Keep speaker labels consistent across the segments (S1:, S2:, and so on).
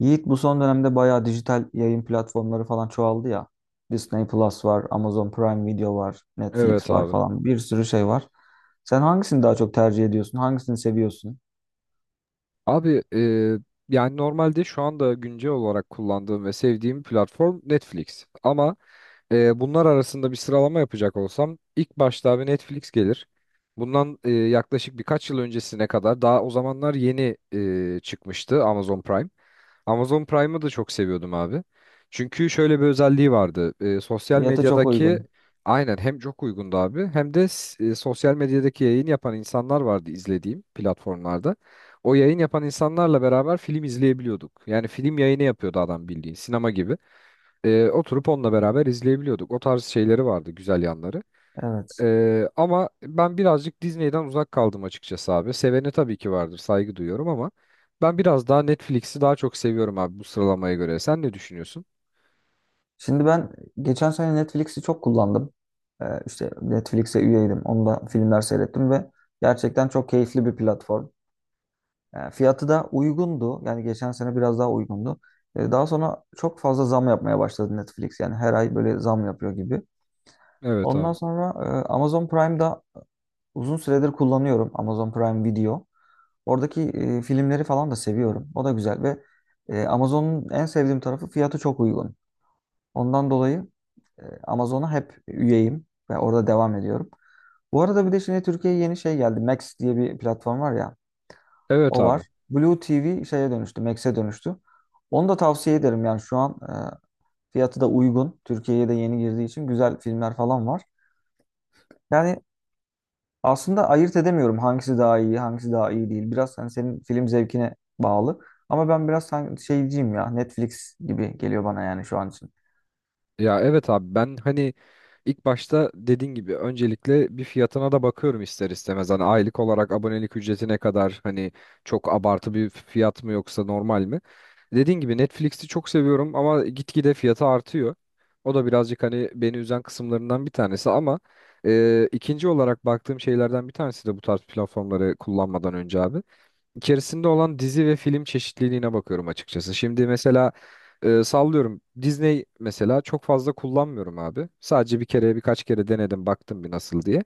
S1: Yiğit bu son dönemde bayağı dijital yayın platformları falan çoğaldı ya. Disney Plus var, Amazon Prime Video var,
S2: Evet
S1: Netflix var
S2: abi.
S1: falan bir sürü şey var. Sen hangisini daha çok tercih ediyorsun? Hangisini seviyorsun?
S2: Abi e, Yani normalde şu anda güncel olarak kullandığım ve sevdiğim platform Netflix. Ama Bunlar arasında bir sıralama yapacak olsam ilk başta abi Netflix gelir. Bundan yaklaşık birkaç yıl öncesine kadar daha o zamanlar yeni çıkmıştı Amazon Prime. Amazon Prime'ı da çok seviyordum abi. Çünkü şöyle bir özelliği vardı. Sosyal
S1: Fiyatı çok
S2: medyadaki
S1: uygun.
S2: aynen hem çok uygundu abi hem de sosyal medyadaki yayın yapan insanlar vardı izlediğim platformlarda. O yayın yapan insanlarla beraber film izleyebiliyorduk. Yani film yayını yapıyordu adam bildiğin sinema gibi. Oturup onunla beraber izleyebiliyorduk. O tarz şeyleri vardı, güzel yanları.
S1: Evet.
S2: Ama ben birazcık Disney'den uzak kaldım açıkçası abi. Seveni tabii ki vardır, saygı duyuyorum ama ben biraz daha Netflix'i daha çok seviyorum abi bu sıralamaya göre. Sen ne düşünüyorsun?
S1: Şimdi ben geçen sene Netflix'i çok kullandım. İşte Netflix'e üyeydim. Onda filmler seyrettim ve gerçekten çok keyifli bir platform. Fiyatı da uygundu. Yani geçen sene biraz daha uygundu. Daha sonra çok fazla zam yapmaya başladı Netflix. Yani her ay böyle zam yapıyor gibi.
S2: Evet
S1: Ondan
S2: abi.
S1: sonra Amazon Prime'da uzun süredir kullanıyorum Amazon Prime Video. Oradaki filmleri falan da seviyorum. O da güzel ve Amazon'un en sevdiğim tarafı fiyatı çok uygun. Ondan dolayı Amazon'a hep üyeyim ve orada devam ediyorum. Bu arada bir de şimdi Türkiye'ye yeni şey geldi. Max diye bir platform var ya.
S2: Evet
S1: O var.
S2: abi.
S1: Blue TV şeye dönüştü, Max'e dönüştü. Onu da tavsiye ederim. Yani şu an fiyatı da uygun. Türkiye'ye de yeni girdiği için güzel filmler falan var. Yani aslında ayırt edemiyorum hangisi daha iyi, hangisi daha iyi değil. Biraz hani senin film zevkine bağlı. Ama ben biraz şeyciyim ya. Netflix gibi geliyor bana yani şu an için.
S2: Ya evet abi ben hani ilk başta dediğin gibi öncelikle bir fiyatına da bakıyorum ister istemez. Hani aylık olarak abonelik ücreti ne kadar hani çok abartı bir fiyat mı yoksa normal mi? Dediğin gibi Netflix'i çok seviyorum ama gitgide fiyatı artıyor. O da birazcık hani beni üzen kısımlarından bir tanesi ama ikinci olarak baktığım şeylerden bir tanesi de bu tarz platformları kullanmadan önce abi içerisinde olan dizi ve film çeşitliliğine bakıyorum açıkçası. Şimdi mesela sallıyorum Disney mesela çok fazla kullanmıyorum abi. Sadece bir kere birkaç kere denedim baktım bir nasıl diye.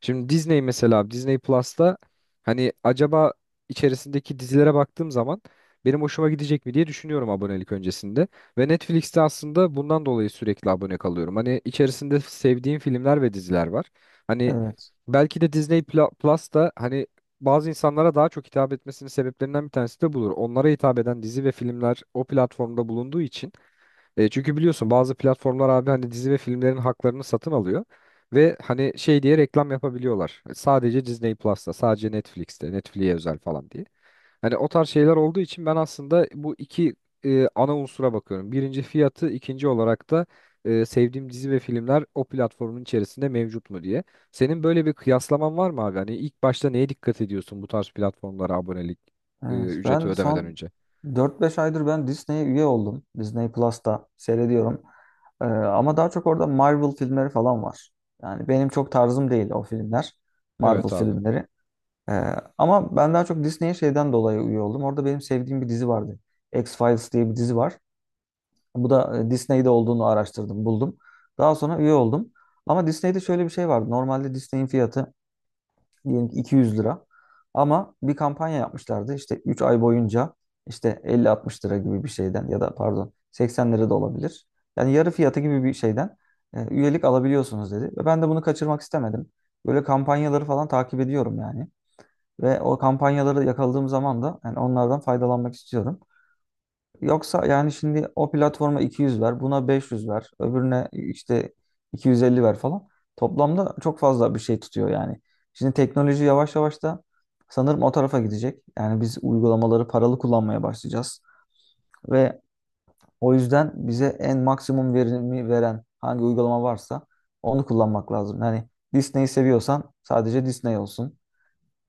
S2: Şimdi Disney mesela Disney Plus'ta hani acaba içerisindeki dizilere baktığım zaman benim hoşuma gidecek mi diye düşünüyorum abonelik öncesinde. Ve Netflix'te aslında bundan dolayı sürekli abone kalıyorum. Hani içerisinde sevdiğim filmler ve diziler var. Hani
S1: Evet.
S2: belki de Plus da hani bazı insanlara daha çok hitap etmesinin sebeplerinden bir tanesi de budur. Onlara hitap eden dizi ve filmler o platformda bulunduğu için çünkü biliyorsun bazı platformlar abi hani dizi ve filmlerin haklarını satın alıyor ve hani şey diye reklam yapabiliyorlar. Sadece Disney Plus'ta, sadece Netflix'te, Netflix'e özel falan diye. Hani o tarz şeyler olduğu için ben aslında bu iki ana unsura bakıyorum. Birinci fiyatı, ikinci olarak da sevdiğim dizi ve filmler o platformun içerisinde mevcut mu diye. Senin böyle bir kıyaslaman var mı abi? Hani ilk başta neye dikkat ediyorsun bu tarz platformlara abonelik
S1: Evet,
S2: ücreti
S1: ben
S2: ödemeden
S1: son
S2: önce?
S1: dört beş aydır Disney'e üye oldum. Disney Plus'ta seyrediyorum. Ama daha çok orada Marvel filmleri falan var. Yani benim çok tarzım değil o filmler. Marvel
S2: Evet abi.
S1: filmleri. Ee, Ama ben daha çok Disney'e şeyden dolayı üye oldum. Orada benim sevdiğim bir dizi vardı. X-Files diye bir dizi var. Bu da Disney'de olduğunu araştırdım, buldum. Daha sonra üye oldum. Ama Disney'de şöyle bir şey vardı. Normalde Disney'in fiyatı diyelim ki 200 lira. Ama bir kampanya yapmışlardı işte 3 ay boyunca işte 50-60 lira gibi bir şeyden ya da pardon 80 lira da olabilir. Yani yarı fiyatı gibi bir şeyden üyelik alabiliyorsunuz dedi. Ve ben de bunu kaçırmak istemedim. Böyle kampanyaları falan takip ediyorum yani. Ve o kampanyaları yakaladığım zaman da yani onlardan faydalanmak istiyorum. Yoksa yani şimdi o platforma 200 ver, buna 500 ver, öbürüne işte 250 ver falan. Toplamda çok fazla bir şey tutuyor yani. Şimdi teknoloji yavaş yavaş da sanırım o tarafa gidecek. Yani biz uygulamaları paralı kullanmaya başlayacağız. Ve o yüzden bize en maksimum verimi veren hangi uygulama varsa onu kullanmak lazım. Yani Disney'i seviyorsan sadece Disney olsun.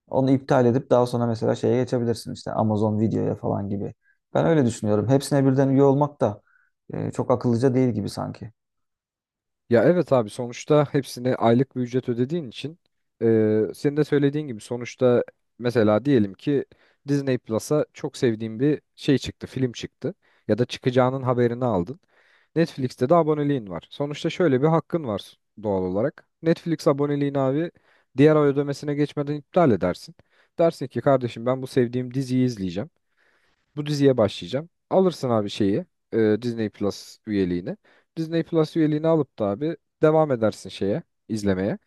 S1: Onu iptal edip daha sonra mesela şeye geçebilirsin işte Amazon Video'ya falan gibi. Ben öyle düşünüyorum. Hepsine birden üye olmak da çok akıllıca değil gibi sanki.
S2: Ya evet abi sonuçta hepsine aylık bir ücret ödediğin için senin de söylediğin gibi sonuçta mesela diyelim ki Disney Plus'a çok sevdiğin bir şey çıktı, film çıktı ya da çıkacağının haberini aldın. Netflix'te de aboneliğin var. Sonuçta şöyle bir hakkın var doğal olarak. Netflix aboneliğini abi diğer ay ödemesine geçmeden iptal edersin. Dersin ki kardeşim ben bu sevdiğim diziyi izleyeceğim. Bu diziye başlayacağım. Alırsın abi şeyi Disney Plus üyeliğini. Disney Plus üyeliğini alıp da abi devam edersin şeye izlemeye.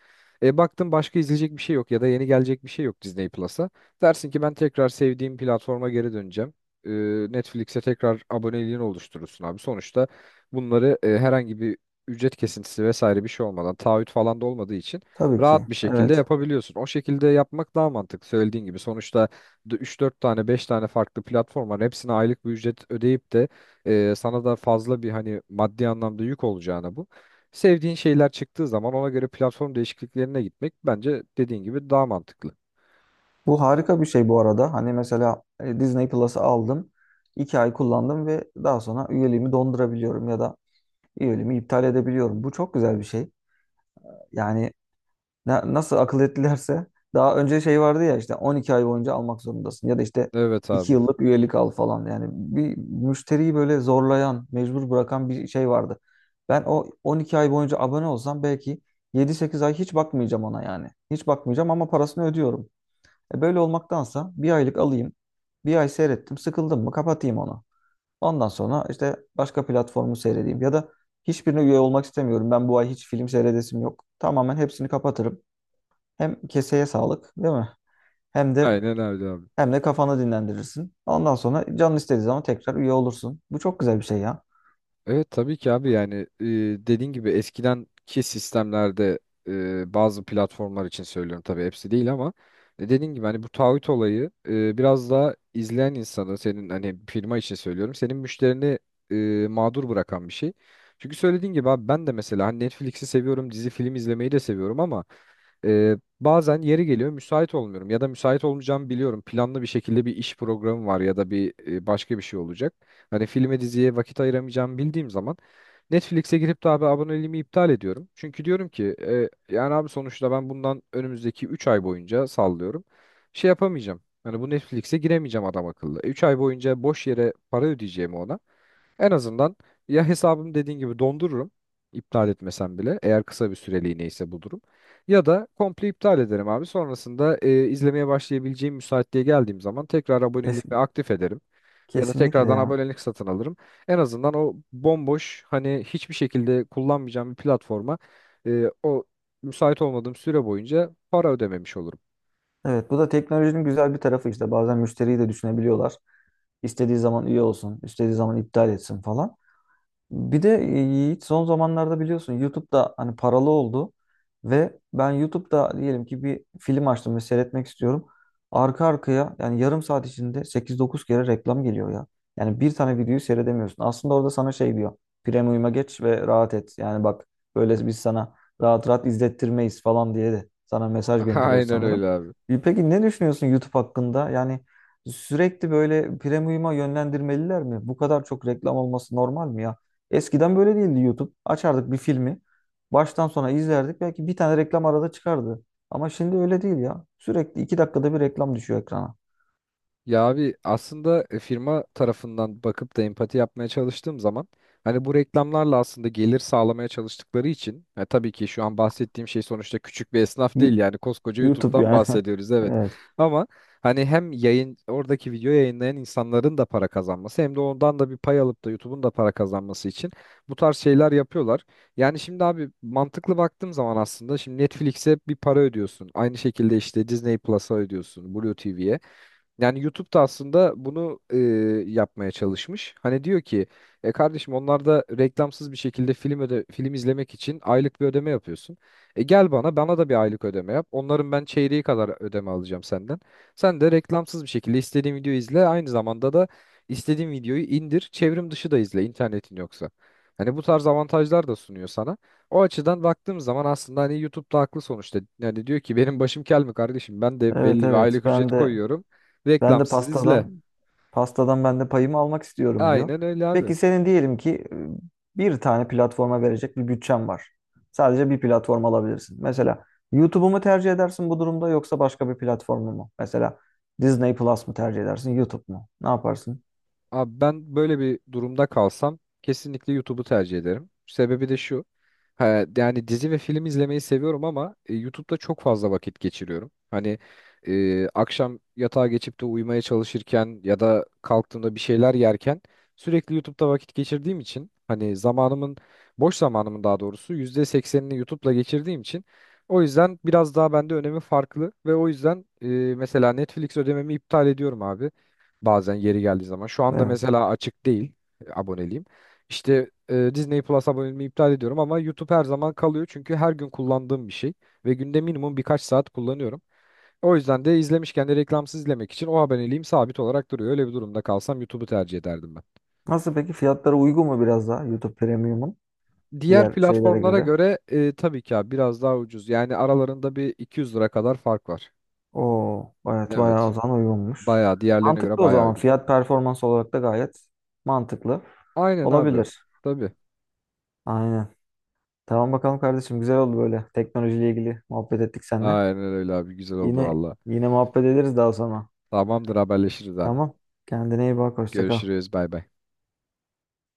S2: Baktın başka izleyecek bir şey yok ya da yeni gelecek bir şey yok Disney Plus'a. Dersin ki ben tekrar sevdiğim platforma geri döneceğim. E, Netflix'e tekrar aboneliğini oluşturursun abi. Sonuçta bunları herhangi bir ücret kesintisi vesaire bir şey olmadan taahhüt falan da olmadığı için
S1: Tabii ki.
S2: rahat bir şekilde
S1: Evet.
S2: yapabiliyorsun. O şekilde yapmak daha mantıklı söylediğin gibi. Sonuçta üç dört tane 5 tane farklı platform var. Hepsine aylık bir ücret ödeyip de sana da fazla bir hani maddi anlamda yük olacağına bu. Sevdiğin şeyler çıktığı zaman ona göre platform değişikliklerine gitmek bence dediğin gibi daha mantıklı.
S1: Bu harika bir şey bu arada. Hani mesela Disney Plus'ı aldım, iki ay kullandım ve daha sonra üyeliğimi dondurabiliyorum ya da üyeliğimi iptal edebiliyorum. Bu çok güzel bir şey. Yani nasıl akıl ettilerse daha önce şey vardı ya işte 12 ay boyunca almak zorundasın ya da işte
S2: Evet
S1: 2
S2: abi.
S1: yıllık üyelik al falan. Yani bir müşteriyi böyle zorlayan, mecbur bırakan bir şey vardı. Ben o 12 ay boyunca abone olsam belki yedi sekiz ay hiç bakmayacağım ona yani. Hiç bakmayacağım ama parasını ödüyorum. E böyle olmaktansa bir aylık alayım. Bir ay seyrettim, sıkıldım mı kapatayım onu. Ondan sonra işte başka platformu seyredeyim ya da hiçbirine üye olmak istemiyorum. Ben bu ay hiç film seyredesim yok. Tamamen hepsini kapatırım. Hem keseye sağlık, değil mi? Hem de
S2: Aynen öyle abi.
S1: hem de kafanı dinlendirirsin. Ondan sonra canın istediği zaman tekrar üye olursun. Bu çok güzel bir şey ya.
S2: Evet tabii ki abi yani e, dediğin gibi eskidenki sistemlerde bazı platformlar için söylüyorum tabii hepsi değil ama dediğin gibi hani bu taahhüt olayı biraz daha izleyen insanı senin hani firma için söylüyorum senin müşterini mağdur bırakan bir şey. Çünkü söylediğin gibi abi ben de mesela hani Netflix'i seviyorum dizi film izlemeyi de seviyorum ama bazen yeri geliyor müsait olmuyorum ya da müsait olmayacağımı biliyorum planlı bir şekilde bir iş programı var ya da bir başka bir şey olacak. Hani filme diziye vakit ayıramayacağımı bildiğim zaman Netflix'e girip de abi aboneliğimi iptal ediyorum. Çünkü diyorum ki yani abi sonuçta ben bundan önümüzdeki 3 ay boyunca sallıyorum. Şey yapamayacağım. Hani bu Netflix'e giremeyeceğim adam akıllı. 3 ay boyunca boş yere para ödeyeceğimi ona. En azından ya hesabımı dediğin gibi dondururum. İptal etmesem bile eğer kısa bir süreliğine ise bu durum. Ya da komple iptal ederim abi. Sonrasında izlemeye başlayabileceğim müsaitliğe geldiğim zaman tekrar aboneliğimi
S1: Kes-
S2: aktif ederim. Ya da
S1: Kesinlikle
S2: tekrardan
S1: ya.
S2: abonelik satın alırım. En azından o bomboş hani hiçbir şekilde kullanmayacağım bir platforma o müsait olmadığım süre boyunca para ödememiş olurum.
S1: Evet, bu da teknolojinin güzel bir tarafı işte. Bazen müşteriyi de düşünebiliyorlar. İstediği zaman üye olsun, istediği zaman iptal etsin falan. Bir de Yiğit son zamanlarda biliyorsun YouTube'da hani paralı oldu ve ben YouTube'da diyelim ki bir film açtım ve seyretmek istiyorum. Arka arkaya yani yarım saat içinde 8-9 kere reklam geliyor ya. Yani bir tane videoyu seyredemiyorsun. Aslında orada sana şey diyor. Premium'a geç ve rahat et. Yani bak böyle biz sana rahat rahat izlettirmeyiz falan diye de sana mesaj gönderiyor
S2: Aynen
S1: sanırım.
S2: öyle abi.
S1: E peki ne düşünüyorsun YouTube hakkında? Yani sürekli böyle premium'a yönlendirmeliler mi? Bu kadar çok reklam olması normal mi ya? Eskiden böyle değildi YouTube. Açardık bir filmi. Baştan sona izlerdik. Belki bir tane reklam arada çıkardı. Ama şimdi öyle değil ya. Sürekli iki dakikada bir reklam düşüyor ekrana.
S2: Ya abi aslında firma tarafından bakıp da empati yapmaya çalıştığım zaman hani bu reklamlarla aslında gelir sağlamaya çalıştıkları için tabii ki şu an bahsettiğim şey sonuçta küçük bir esnaf
S1: Yu-
S2: değil yani koskoca
S1: YouTube
S2: YouTube'dan
S1: yani.
S2: bahsediyoruz evet.
S1: Evet.
S2: Ama hani hem yayın oradaki video yayınlayan insanların da para kazanması hem de ondan da bir pay alıp da YouTube'un da para kazanması için bu tarz şeyler yapıyorlar. Yani şimdi abi mantıklı baktığım zaman aslında şimdi Netflix'e bir para ödüyorsun. Aynı şekilde işte Disney Plus'a ödüyorsun, Blue TV'ye. Yani YouTube da aslında bunu yapmaya çalışmış. Hani diyor ki kardeşim onlar da reklamsız bir şekilde film öde film izlemek için aylık bir ödeme yapıyorsun. E gel bana bana da bir aylık ödeme yap. Onların ben çeyreği kadar ödeme alacağım senden. Sen de reklamsız bir şekilde istediğin videoyu izle. Aynı zamanda da istediğin videoyu indir. Çevrim dışı da izle internetin yoksa. Hani bu tarz avantajlar da sunuyor sana. O açıdan baktığım zaman aslında hani YouTube'da haklı sonuçta. Yani diyor ki benim başım kel mi kardeşim? Ben de belli
S1: Evet
S2: bir
S1: evet.
S2: aylık
S1: Ben
S2: ücret
S1: de
S2: koyuyorum.
S1: Ben de
S2: Reklamsız izle.
S1: pastadan pastadan ben de payımı almak istiyorum diyor.
S2: Aynen öyle abi.
S1: Peki senin diyelim ki bir tane platforma verecek bir bütçen var. Sadece bir platform alabilirsin. Mesela YouTube'u mu tercih edersin bu durumda yoksa başka bir platformu mu? Mesela Disney Plus mu tercih edersin, YouTube mu? Ne yaparsın?
S2: Abi ben böyle bir durumda kalsam kesinlikle YouTube'u tercih ederim. Sebebi de şu. Ha, Yani dizi ve film izlemeyi seviyorum ama YouTube'da çok fazla vakit geçiriyorum. Hani akşam yatağa geçip de uyumaya çalışırken ya da kalktığımda bir şeyler yerken sürekli YouTube'da vakit geçirdiğim için hani zamanımın boş zamanımın daha doğrusu %80'ini YouTube'la geçirdiğim için o yüzden biraz daha bende önemi farklı ve o yüzden mesela Netflix ödememi iptal ediyorum abi. Bazen yeri geldiği zaman. Şu anda
S1: Evet.
S2: mesela açık değil aboneliğim. İşte Disney Plus aboneliğimi iptal ediyorum ama YouTube her zaman kalıyor. Çünkü her gün kullandığım bir şey ve günde minimum birkaç saat kullanıyorum. O yüzden de izlemişken de reklamsız izlemek için o aboneliğim sabit olarak duruyor. Öyle bir durumda kalsam YouTube'u tercih ederdim ben.
S1: Nasıl peki, fiyatları uygun mu biraz daha YouTube Premium'un
S2: Diğer
S1: diğer şeylere
S2: platformlara
S1: göre?
S2: göre tabii ki abi biraz daha ucuz. Yani aralarında bir 200 lira kadar fark var.
S1: Oo, evet bayağı o
S2: Evet.
S1: zaman uygunmuş.
S2: Bayağı diğerlerine göre
S1: Mantıklı o
S2: bayağı
S1: zaman.
S2: uygun.
S1: Fiyat performans olarak da gayet mantıklı
S2: Aynen abi.
S1: olabilir.
S2: Tabii.
S1: Aynen. Tamam bakalım kardeşim. Güzel oldu böyle. Teknolojiyle ilgili muhabbet ettik seninle.
S2: Aynen öyle abi güzel oldu
S1: Yine
S2: valla.
S1: yine muhabbet ederiz daha sonra.
S2: Tamamdır haberleşiriz abi.
S1: Tamam. Kendine iyi bak. Hoşça kal.
S2: Görüşürüz bay bay.